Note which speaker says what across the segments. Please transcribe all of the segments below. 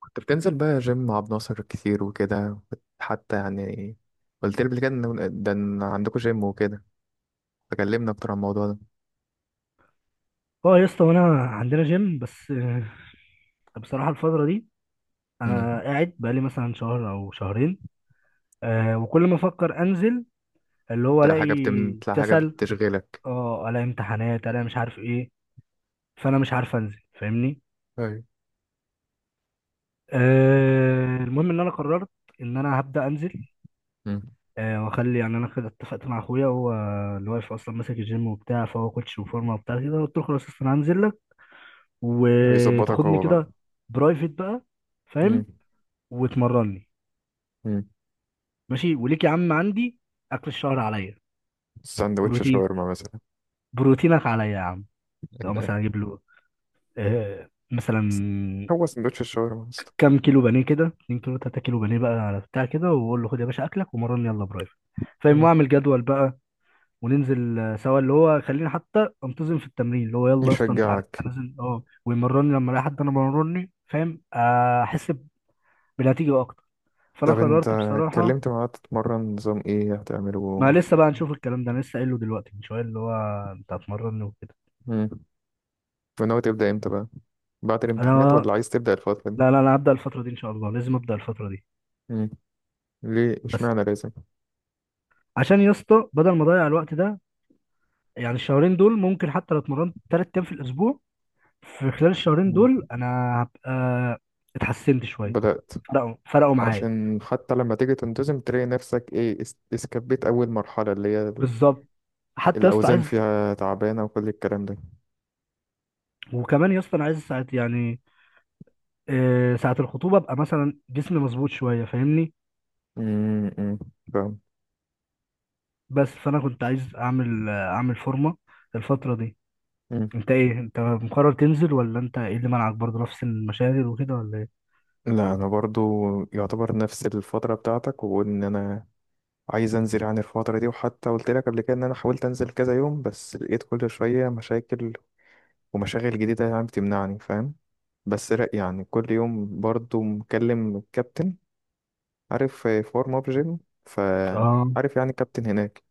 Speaker 1: كنت بتنزل بقى جيم مع ابو ناصر كتير وكده، كنت حتى يعني قلت لي قبل كده إن ده إن عندكم جيم وكده، فكلمنا أكتر عن الموضوع ده.
Speaker 2: اه يا اسطى، وانا عندنا جيم بس بصراحه الفتره دي
Speaker 1: امم.
Speaker 2: انا قاعد بقالي مثلا شهر او شهرين. وكل ما افكر انزل اللي هو
Speaker 1: ده
Speaker 2: الاقي
Speaker 1: حاجة تطلع، حاجة
Speaker 2: كسل،
Speaker 1: بتشغلك؟
Speaker 2: اه الاقي امتحانات الاقي مش عارف ايه. فانا مش عارف انزل، فاهمني.
Speaker 1: ايوه.
Speaker 2: المهم ان انا قررت ان انا هبدا انزل.
Speaker 1: مم.
Speaker 2: واخلي يعني انا كده اتفقت مع اخويا، هو اللي واقف اصلا ماسك الجيم وبتاع، فهو كوتش وفورمه وبتاع كده. قلت له خلاص يا اسطى انا هنزل لك
Speaker 1: يظبطك
Speaker 2: وتاخدني
Speaker 1: هو بقى؟
Speaker 2: كده برايفت بقى، فاهم؟
Speaker 1: مم.
Speaker 2: وتمرني.
Speaker 1: امم.
Speaker 2: ماشي وليك يا عم، عندي اكل الشهر عليا،
Speaker 1: ساندوتش
Speaker 2: بروتين،
Speaker 1: شاورما مثلا؟
Speaker 2: بروتينك عليا يا عم. لو مثلا اجيب له مثلا
Speaker 1: هو ساندوتش الشاورما اصلا.
Speaker 2: كام كيلو بانيه، كده 2 كيلو 3 كيلو بانيه بقى على بتاع كده، واقول له خد يا باشا اكلك ومرن يلا برايفت، فاهم.
Speaker 1: مم.
Speaker 2: واعمل جدول بقى وننزل سوا، اللي هو خليني حتى انتظم في التمرين. اللي هو يلا يا اسطى انت عارف
Speaker 1: يشجعك؟
Speaker 2: هنزل اه ويمرني، لما الاقي حد انا مرني، فاهم، احس بنتيجه اكتر. فانا
Speaker 1: طب انت
Speaker 2: قررت بصراحه.
Speaker 1: اتكلمت معاه تتمرن نظام ايه
Speaker 2: ما
Speaker 1: هتعمله؟
Speaker 2: لسه بقى نشوف الكلام ده، انا لسه قايله دلوقتي من شويه، اللي هو انت هتمرني وكده.
Speaker 1: مم. وناوي تبدأ امتى بقى؟ بعد
Speaker 2: انا
Speaker 1: الامتحانات ولا عايز تبدأ الفترة دي؟
Speaker 2: لا لا انا هبدا الفتره دي ان شاء الله، لازم ابدا الفتره دي.
Speaker 1: مم. ليه
Speaker 2: بس
Speaker 1: اشمعنى لازم؟
Speaker 2: عشان يا اسطى بدل ما اضيع الوقت ده، يعني الشهرين دول ممكن حتى لو اتمرنت 3 ايام في الاسبوع في خلال الشهرين دول
Speaker 1: مم.
Speaker 2: انا هبقى اتحسنت شويه.
Speaker 1: بدأت؟
Speaker 2: فرقوا معايا
Speaker 1: عشان حتى لما تيجي تنتظم تلاقي نفسك ايه، اسكبيت أول مرحلة اللي هي
Speaker 2: بالظبط. حتى يا اسطى
Speaker 1: الأوزان
Speaker 2: عايز،
Speaker 1: فيها تعبانة وكل الكلام ده.
Speaker 2: وكمان يا اسطى انا عايز ساعه يعني ساعه الخطوبه ابقى مثلا جسمي مظبوط شويه، فاهمني.
Speaker 1: مم، مم. فاهم.
Speaker 2: بس فانا كنت عايز اعمل اعمل فورمه الفتره دي.
Speaker 1: مم.
Speaker 2: انت ايه، انت مقرر تنزل ولا انت ايه اللي منعك برضه نفس المشاغل وكده ولا ايه؟
Speaker 1: لا، أنا برضو يعتبر نفس الفترة بتاعتك، وإن أنا عايز أنزل عن الفترة دي، وحتى قلت لك قبل كده إن أنا حاولت أنزل كذا يوم بس لقيت كل شوية مشاكل ومشاغل جديدة يعني بتمنعني، فاهم؟ بس لا، يعني كل يوم برضو مكلم الكابتن، عارف؟ حوار موب جيم.
Speaker 2: اه.
Speaker 1: فعارف يعني الكابتن هناك.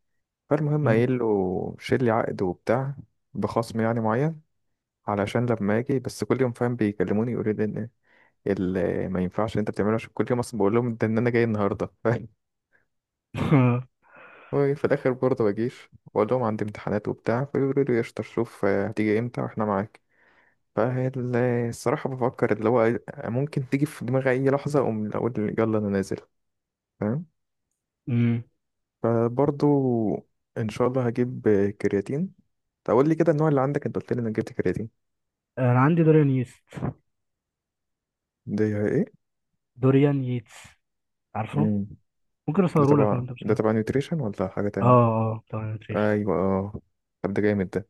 Speaker 1: فالمهم
Speaker 2: مم.
Speaker 1: قايل له شيل لي عقد وبتاع بخصم يعني معين، علشان لما اجي بس كل يوم، فاهم؟ بيكلموني يقولوا لي ان ما ينفعش اللي انت بتعمله، عشان كل يوم اصلا بقول لهم ده ان انا جاي النهارده، فاهم؟ وفي الاخر برضه بجيش واقول لهم عندي امتحانات وبتاع، فيقولوا لي قشطه، شوف هتيجي امتى واحنا معاك. فالصراحة بفكر اللي هو ممكن تيجي في دماغي أي لحظة أقوم أقول يلا أنا نازل، فاهم؟
Speaker 2: مم.
Speaker 1: فبرضو ان شاء الله هجيب كرياتين. تقول لي كده النوع اللي عندك، انت قلت لي انا جبت كرياتين.
Speaker 2: انا عندي دوريان ييست.
Speaker 1: ده ايه؟
Speaker 2: دوريان ييتس، عارفه؟
Speaker 1: امم.
Speaker 2: ممكن
Speaker 1: ده
Speaker 2: اصوره لك لو
Speaker 1: تبع
Speaker 2: انت مش عارف.
Speaker 1: نيوتريشن ولا حاجه
Speaker 2: اه.
Speaker 1: تانية؟
Speaker 2: اه طبعا نوتريشن.
Speaker 1: ايوه، اه. طب ده جامد ده.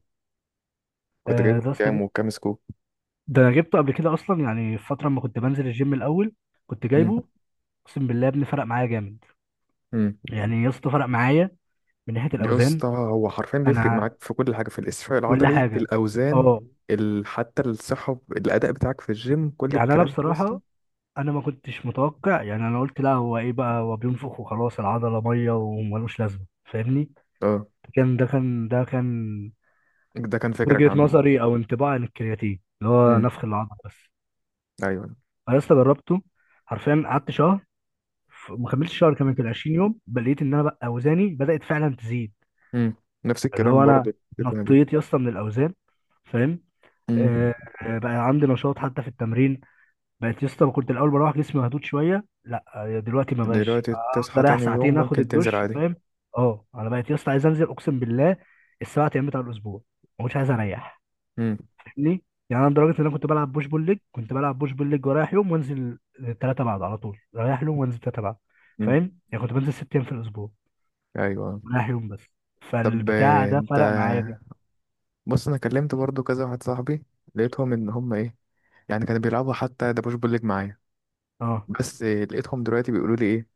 Speaker 1: كنت
Speaker 2: آه
Speaker 1: جايبه
Speaker 2: ده
Speaker 1: كام
Speaker 2: صديق،
Speaker 1: وكام سكوب؟
Speaker 2: ده انا جبته قبل كده اصلا، يعني في فتره ما كنت بنزل الجيم الاول كنت
Speaker 1: امم.
Speaker 2: جايبه. اقسم بالله يا ابني فرق معايا جامد.
Speaker 1: امم.
Speaker 2: يعني يا اسطى فرق معايا من ناحيه
Speaker 1: يا
Speaker 2: الاوزان.
Speaker 1: اسطى هو حرفيا بيفرق
Speaker 2: انا
Speaker 1: معاك في كل حاجه، في الاستشفاء
Speaker 2: كل
Speaker 1: العضلي،
Speaker 2: حاجه.
Speaker 1: الاوزان،
Speaker 2: اه.
Speaker 1: حتى الصحه، الاداء بتاعك في الجيم، كل
Speaker 2: يعني انا
Speaker 1: الكلام ده لسه.
Speaker 2: بصراحه، انا ما كنتش متوقع. يعني انا قلت لا هو ايه بقى، هو بينفخ وخلاص العضله ميه وملوش لازمه، فاهمني.
Speaker 1: اه.
Speaker 2: كان
Speaker 1: ده كان فكرك
Speaker 2: وجهة
Speaker 1: عنه.
Speaker 2: نظري او انطباع عن الكرياتين، اللي هو
Speaker 1: امم.
Speaker 2: نفخ العضل بس.
Speaker 1: ايوه.
Speaker 2: انا لسه جربته حرفيا، قعدت شهر. ما كملتش شهر، كمان كان 20 يوم، بل لقيت ان انا بقى اوزاني بدأت فعلا تزيد.
Speaker 1: امم. نفس
Speaker 2: اللي
Speaker 1: الكلام
Speaker 2: هو انا
Speaker 1: برضه. اللي أنا بيه.
Speaker 2: نطيت يا اسطى من الاوزان فاهم.
Speaker 1: امم.
Speaker 2: آه. بقى عندي نشاط حتى في التمرين. بقيت يا اسطى، كنت الاول بروح جسمي مهدود شويه، لا دلوقتي ما بقاش.
Speaker 1: دلوقتي تصحى
Speaker 2: اقدر اريح
Speaker 1: تاني يوم
Speaker 2: ساعتين، اخد
Speaker 1: ممكن تنزل
Speaker 2: الدش،
Speaker 1: عادي.
Speaker 2: فاهم. اه انا بقيت يا اسطى عايز انزل اقسم بالله ال7 ايام بتاع الاسبوع، ما كنتش عايز اريح.
Speaker 1: امم.
Speaker 2: ليه؟ يعني انا لدرجه ان انا كنت بلعب بوش بول ليج، كنت بلعب بوش بول ليج ورايح يوم وانزل ثلاثه بعد، على طول رايح يوم وانزل ثلاثه بعد،
Speaker 1: امم.
Speaker 2: فاهم؟ يعني كنت بنزل 6 ايام في الاسبوع
Speaker 1: ايوه.
Speaker 2: رايح يوم بس.
Speaker 1: طب
Speaker 2: فالبتاع ده
Speaker 1: انت
Speaker 2: فرق معايا جامد.
Speaker 1: بص، انا كلمت برضو كذا واحد صاحبي، لقيتهم ان هم ايه، يعني كانوا بيلعبوا حتى دبوش بوليج معايا.
Speaker 2: اه
Speaker 1: بس لقيتهم دلوقتي بيقولوا لي ايه،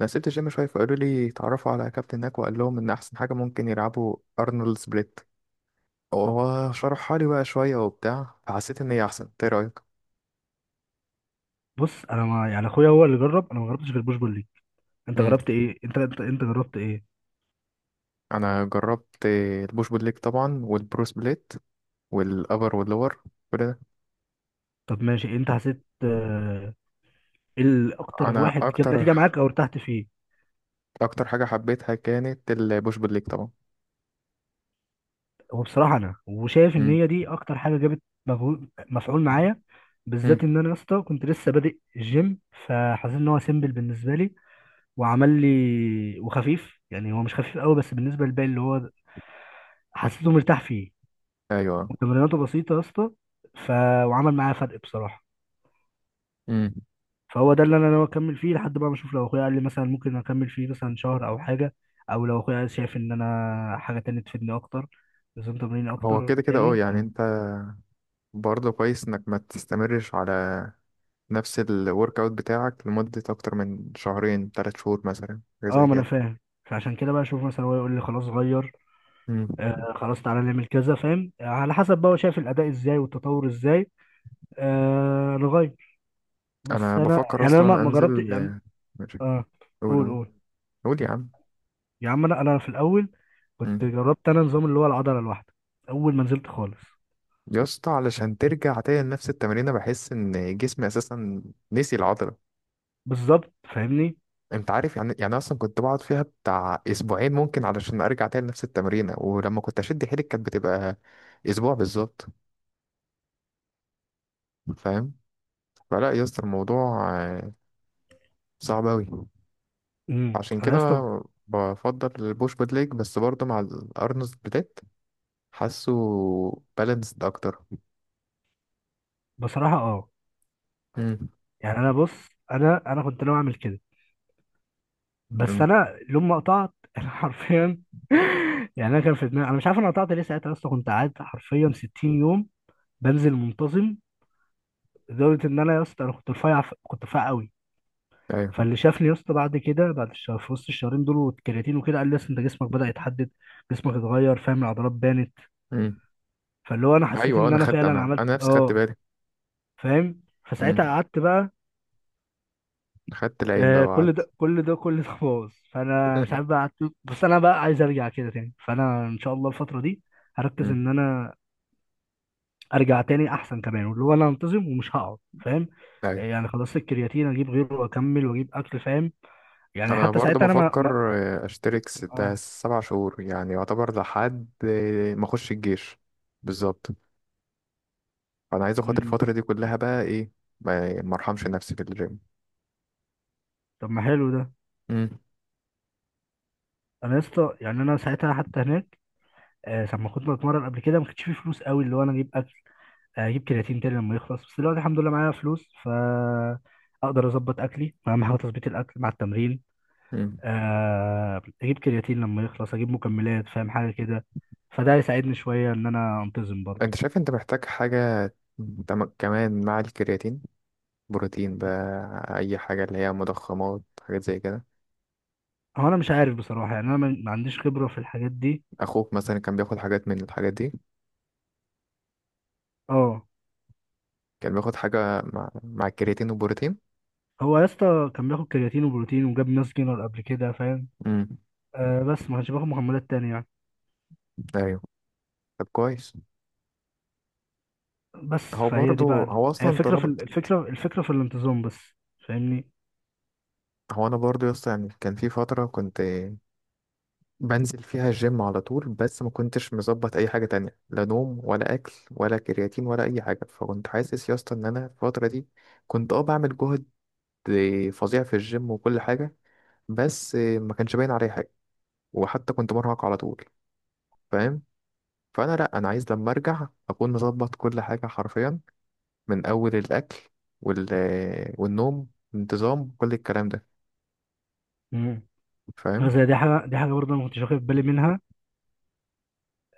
Speaker 1: انا سبت الجيم شويه، فقالوا لي اتعرفوا على كابتن هناك، وقال لهم ان احسن حاجه ممكن يلعبوا ارنولد سبليت، هو شرحها لي بقى شويه وبتاع، فحسيت ان هي احسن. إنت ايه رايك؟
Speaker 2: بص انا ما يعني، اخويا هو اللي جرب، انا ما جربتش غير بوش بول ليج. انت
Speaker 1: امم.
Speaker 2: جربت ايه؟ انت جربت ايه؟
Speaker 1: انا جربت البوش بول ليج طبعا، والبرو سبليت والابر واللور، كل.
Speaker 2: طب ماشي. انت حسيت ايه الاكتر
Speaker 1: انا
Speaker 2: واحد جاب
Speaker 1: اكتر
Speaker 2: نتيجه معاك او ارتحت فيه؟
Speaker 1: اكتر حاجه حبيتها كانت البوش بول ليج طبعا.
Speaker 2: هو بصراحة أنا وشايف إن
Speaker 1: امم.
Speaker 2: هي دي أكتر حاجة جابت مجهود مفعول معايا، بالذات
Speaker 1: امم.
Speaker 2: إن أنا يا اسطى كنت لسه بادئ الجيم. فحسيت إن هو سيمبل بالنسبة لي وعمل لي وخفيف، يعني هو مش خفيف قوي بس بالنسبة للباقي، اللي هو حسيته مرتاح فيه
Speaker 1: ايوه.
Speaker 2: وتمريناته بسيطة يا اسطى. ف... وعمل معايا فرق بصراحة.
Speaker 1: امم.
Speaker 2: فهو ده اللي أنا ناوي أكمل فيه لحد بقى ما أشوف، لو أخويا قال لي مثلا ممكن أكمل فيه مثلا شهر أو حاجة، أو لو أخويا شايف إن أنا حاجة تانية تفيدني أكتر، نظام تمرين
Speaker 1: هو
Speaker 2: أكتر
Speaker 1: كده كده، اه
Speaker 2: تاني.
Speaker 1: يعني انت برضه كويس انك ما تستمرش على نفس الورك اوت بتاعك لمده اكتر من شهرين 3 شهور مثلا، حاجه
Speaker 2: اه،
Speaker 1: زي
Speaker 2: ما انا
Speaker 1: كده.
Speaker 2: فاهم. فعشان كده بقى اشوف مثلا هو يقول لي خلاص غير،
Speaker 1: امم.
Speaker 2: خلاص تعالى نعمل كذا فاهم على حسب بقى هو شايف الاداء ازاي والتطور ازاي، نغير.
Speaker 1: انا
Speaker 2: بس انا
Speaker 1: بفكر
Speaker 2: يعني انا
Speaker 1: اصلا
Speaker 2: ما جربت
Speaker 1: انزل
Speaker 2: يعني.
Speaker 1: ماشي.
Speaker 2: اه
Speaker 1: قول
Speaker 2: قول
Speaker 1: قول.
Speaker 2: قول
Speaker 1: قول يا عم.
Speaker 2: يا عم. انا في الاول كنت
Speaker 1: امم.
Speaker 2: جربت انا نظام اللي هو العضله الواحده، اول ما نزلت خالص.
Speaker 1: يا اسطى علشان ترجع تاني لنفس التمرين بحس ان جسمي اساسا نسي العضله.
Speaker 2: بالظبط فاهمني.
Speaker 1: انت عارف يعني اصلا كنت بقعد فيها بتاع اسبوعين ممكن علشان ارجع تاني نفس التمرينه، ولما كنت اشد حيلي كانت بتبقى اسبوع بالظبط، فاهم؟ فلا يا اسطى الموضوع صعب اوي.
Speaker 2: امم.
Speaker 1: عشان
Speaker 2: انا يا
Speaker 1: كده
Speaker 2: اسطى
Speaker 1: بفضل البوش بود ليج، بس برضه مع الارنولد سبليت حاسه بالانسد اكتر.
Speaker 2: بصراحه اه،
Speaker 1: امم.
Speaker 2: يعني انا بص انا كنت ناوي اعمل كده. بس
Speaker 1: امم.
Speaker 2: انا لما ما قطعت انا حرفيا يعني انا كان في دماغي، انا مش عارف انا قطعت ليه، ساعتها يا اسطى كنت قاعد حرفيا 60 يوم بنزل منتظم لدرجه ان انا يا اسطى انا كنت رفيع، كنت رفيع قوي.
Speaker 1: ايوه.
Speaker 2: فاللي شافني يا اسطى بعد كده، بعد الشهر في وسط الشهرين دول والكرياتين وكده، قال لي اصل انت جسمك بدأ يتحدد، جسمك اتغير فاهم، العضلات بانت.
Speaker 1: امم.
Speaker 2: فاللي هو انا حسيت
Speaker 1: ايوه،
Speaker 2: ان
Speaker 1: انا
Speaker 2: انا
Speaker 1: خدت،
Speaker 2: فعلا
Speaker 1: انا
Speaker 2: عملت
Speaker 1: انا نفسي خدت
Speaker 2: اه
Speaker 1: بالي.
Speaker 2: فاهم، فساعتها
Speaker 1: امم.
Speaker 2: قعدت بقى.
Speaker 1: خدت العين بقى
Speaker 2: كل ده
Speaker 1: وقعدت.
Speaker 2: كل ده كل ده باظ. فانا مش عارف بقى قعدت بس انا بقى عايز ارجع كده تاني، فانا ان شاء الله الفتره دي هركز
Speaker 1: امم.
Speaker 2: ان انا ارجع تاني احسن كمان، واللي هو انا انتظم ومش هقعد فاهم.
Speaker 1: ايوه.
Speaker 2: يعني خلاص الكرياتين اجيب غيره واكمل واجيب اكل فاهم. يعني
Speaker 1: انا
Speaker 2: حتى
Speaker 1: برضه
Speaker 2: ساعتها انا ما, ما...
Speaker 1: بفكر اشترك ستة
Speaker 2: اه.
Speaker 1: سبع شهور يعني يعتبر لحد ما اخش الجيش. بالظبط. فانا عايز اخد
Speaker 2: مم.
Speaker 1: الفتره دي كلها بقى ايه، ما ارحمش نفسي في الجيم.
Speaker 2: طب ما حلو ده.
Speaker 1: امم.
Speaker 2: انا يا اسطى يعني انا ساعتها حتى هناك لما كنت بتمرن قبل كده ما كانش فيه فلوس قوي، اللي هو انا اجيب اكل اجيب كرياتين تاني لما يخلص. بس دلوقتي الحمد لله معايا فلوس، ف اقدر اظبط اكلي، اهم حاجه تظبيط الاكل مع التمرين.
Speaker 1: امم.
Speaker 2: اجيب كرياتين لما يخلص، اجيب مكملات فاهم، حاجه كده. فده هيساعدني شويه ان انا انتظم
Speaker 1: انت
Speaker 2: برضه.
Speaker 1: شايف انت محتاج حاجه كمان مع الكرياتين، بروتين بقى اي حاجه اللي هي مضخمات، حاجات زي كده؟
Speaker 2: هو انا مش عارف بصراحه، يعني انا ما عنديش خبره في الحاجات دي.
Speaker 1: اخوك مثلا كان بياخد حاجات من الحاجات دي؟
Speaker 2: اه.
Speaker 1: كان بياخد حاجه مع الكرياتين والبروتين.
Speaker 2: هو يا اسطى كان بياخد كرياتين وبروتين وجاب ناس جينر قبل كده فاهم.
Speaker 1: امم.
Speaker 2: آه بس ما كانش بياخد مكملات تانية يعني.
Speaker 1: ايوه. طب كويس.
Speaker 2: بس
Speaker 1: هو
Speaker 2: فهي
Speaker 1: برضه،
Speaker 2: دي بقى
Speaker 1: هو
Speaker 2: هي
Speaker 1: اصلا
Speaker 2: الفكره في
Speaker 1: طلب.
Speaker 2: الفكره، الفكره في الانتظام بس. فاهمني.
Speaker 1: هو انا برضو يا اسطى يعني كان في فتره كنت بنزل فيها الجيم على طول، بس ما كنتش مظبط اي حاجه تانية، لا نوم ولا اكل ولا كرياتين ولا اي حاجه، فكنت حاسس يا اسطى ان انا في الفتره دي كنت بعمل جهد فظيع في الجيم وكل حاجه، بس ما كانش باين عليه حاجه، وحتى كنت مرهق على طول، فاهم؟ فانا لا، انا عايز لما ارجع اكون مظبط كل حاجه حرفيا، من اول الاكل وال والنوم، انتظام كل الكلام ده.
Speaker 2: مم. بس
Speaker 1: فاهم؟
Speaker 2: دي حاجة، دي حاجة برضه أنا ما كنتش واخد بالي منها.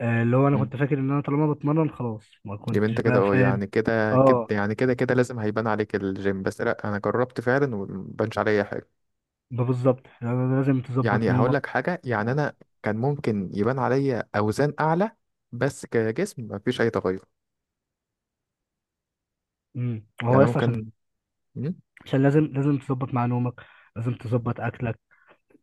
Speaker 2: اللي هو أنا كنت فاكر إن أنا طالما بتمرن خلاص، ما
Speaker 1: جيب
Speaker 2: كنتش
Speaker 1: انت كده
Speaker 2: بقى
Speaker 1: اه،
Speaker 2: فاهم.
Speaker 1: يعني كده كده،
Speaker 2: اه
Speaker 1: يعني كده كده لازم هيبان عليك الجيم، بس لا، انا جربت فعلا ومبانش عليا حاجه.
Speaker 2: ده بالظبط، يعني لازم تظبط
Speaker 1: يعني هقول
Speaker 2: نومك
Speaker 1: لك حاجه، يعني
Speaker 2: و...
Speaker 1: انا كان ممكن يبان عليا اوزان اعلى بس كجسم مفيش اي تغير.
Speaker 2: مم. هو
Speaker 1: يعني أنا
Speaker 2: يس عشان،
Speaker 1: ممكن. مم؟
Speaker 2: عشان لازم لازم تظبط مع نومك، لازم تظبط أكلك،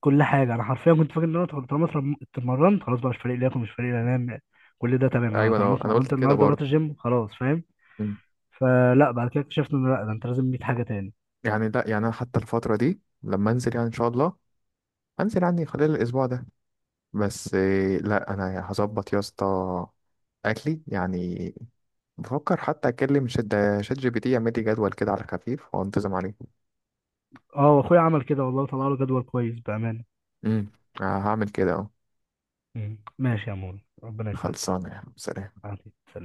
Speaker 2: كل حاجة. أنا حرفيا كنت فاكر إن أنا طالما اتمرنت خلاص بقى، مش فارق لي آكل مش فارق لي أنام، كل ده تمام، أنا
Speaker 1: ايوه
Speaker 2: طالما
Speaker 1: انا
Speaker 2: اتمرنت
Speaker 1: قلت كده
Speaker 2: النهاردة ورحت
Speaker 1: برضه.
Speaker 2: الجيم خلاص فاهم.
Speaker 1: مم.
Speaker 2: فلا بعد كده اكتشفت إن لا، ده أنت لازم 100 حاجة تاني.
Speaker 1: يعني لا، يعني انا حتى الفتره دي لما انزل، يعني ان شاء الله هنزل يعني خلال الاسبوع ده، بس لا، انا هظبط يا اسطى اكلي يعني. بفكر حتى اكلم شات جي بي تي يعمل لي جدول كده على خفيف وانتظم عليه.
Speaker 2: اه وأخويا عمل كده والله، طلع له جدول كويس بأمانة.
Speaker 1: امم. هعمل كده اهو.
Speaker 2: مم. ماشي يا مول ربنا يسعدك.
Speaker 1: خلصانه يا عم. سلام.
Speaker 2: عليكم السلام.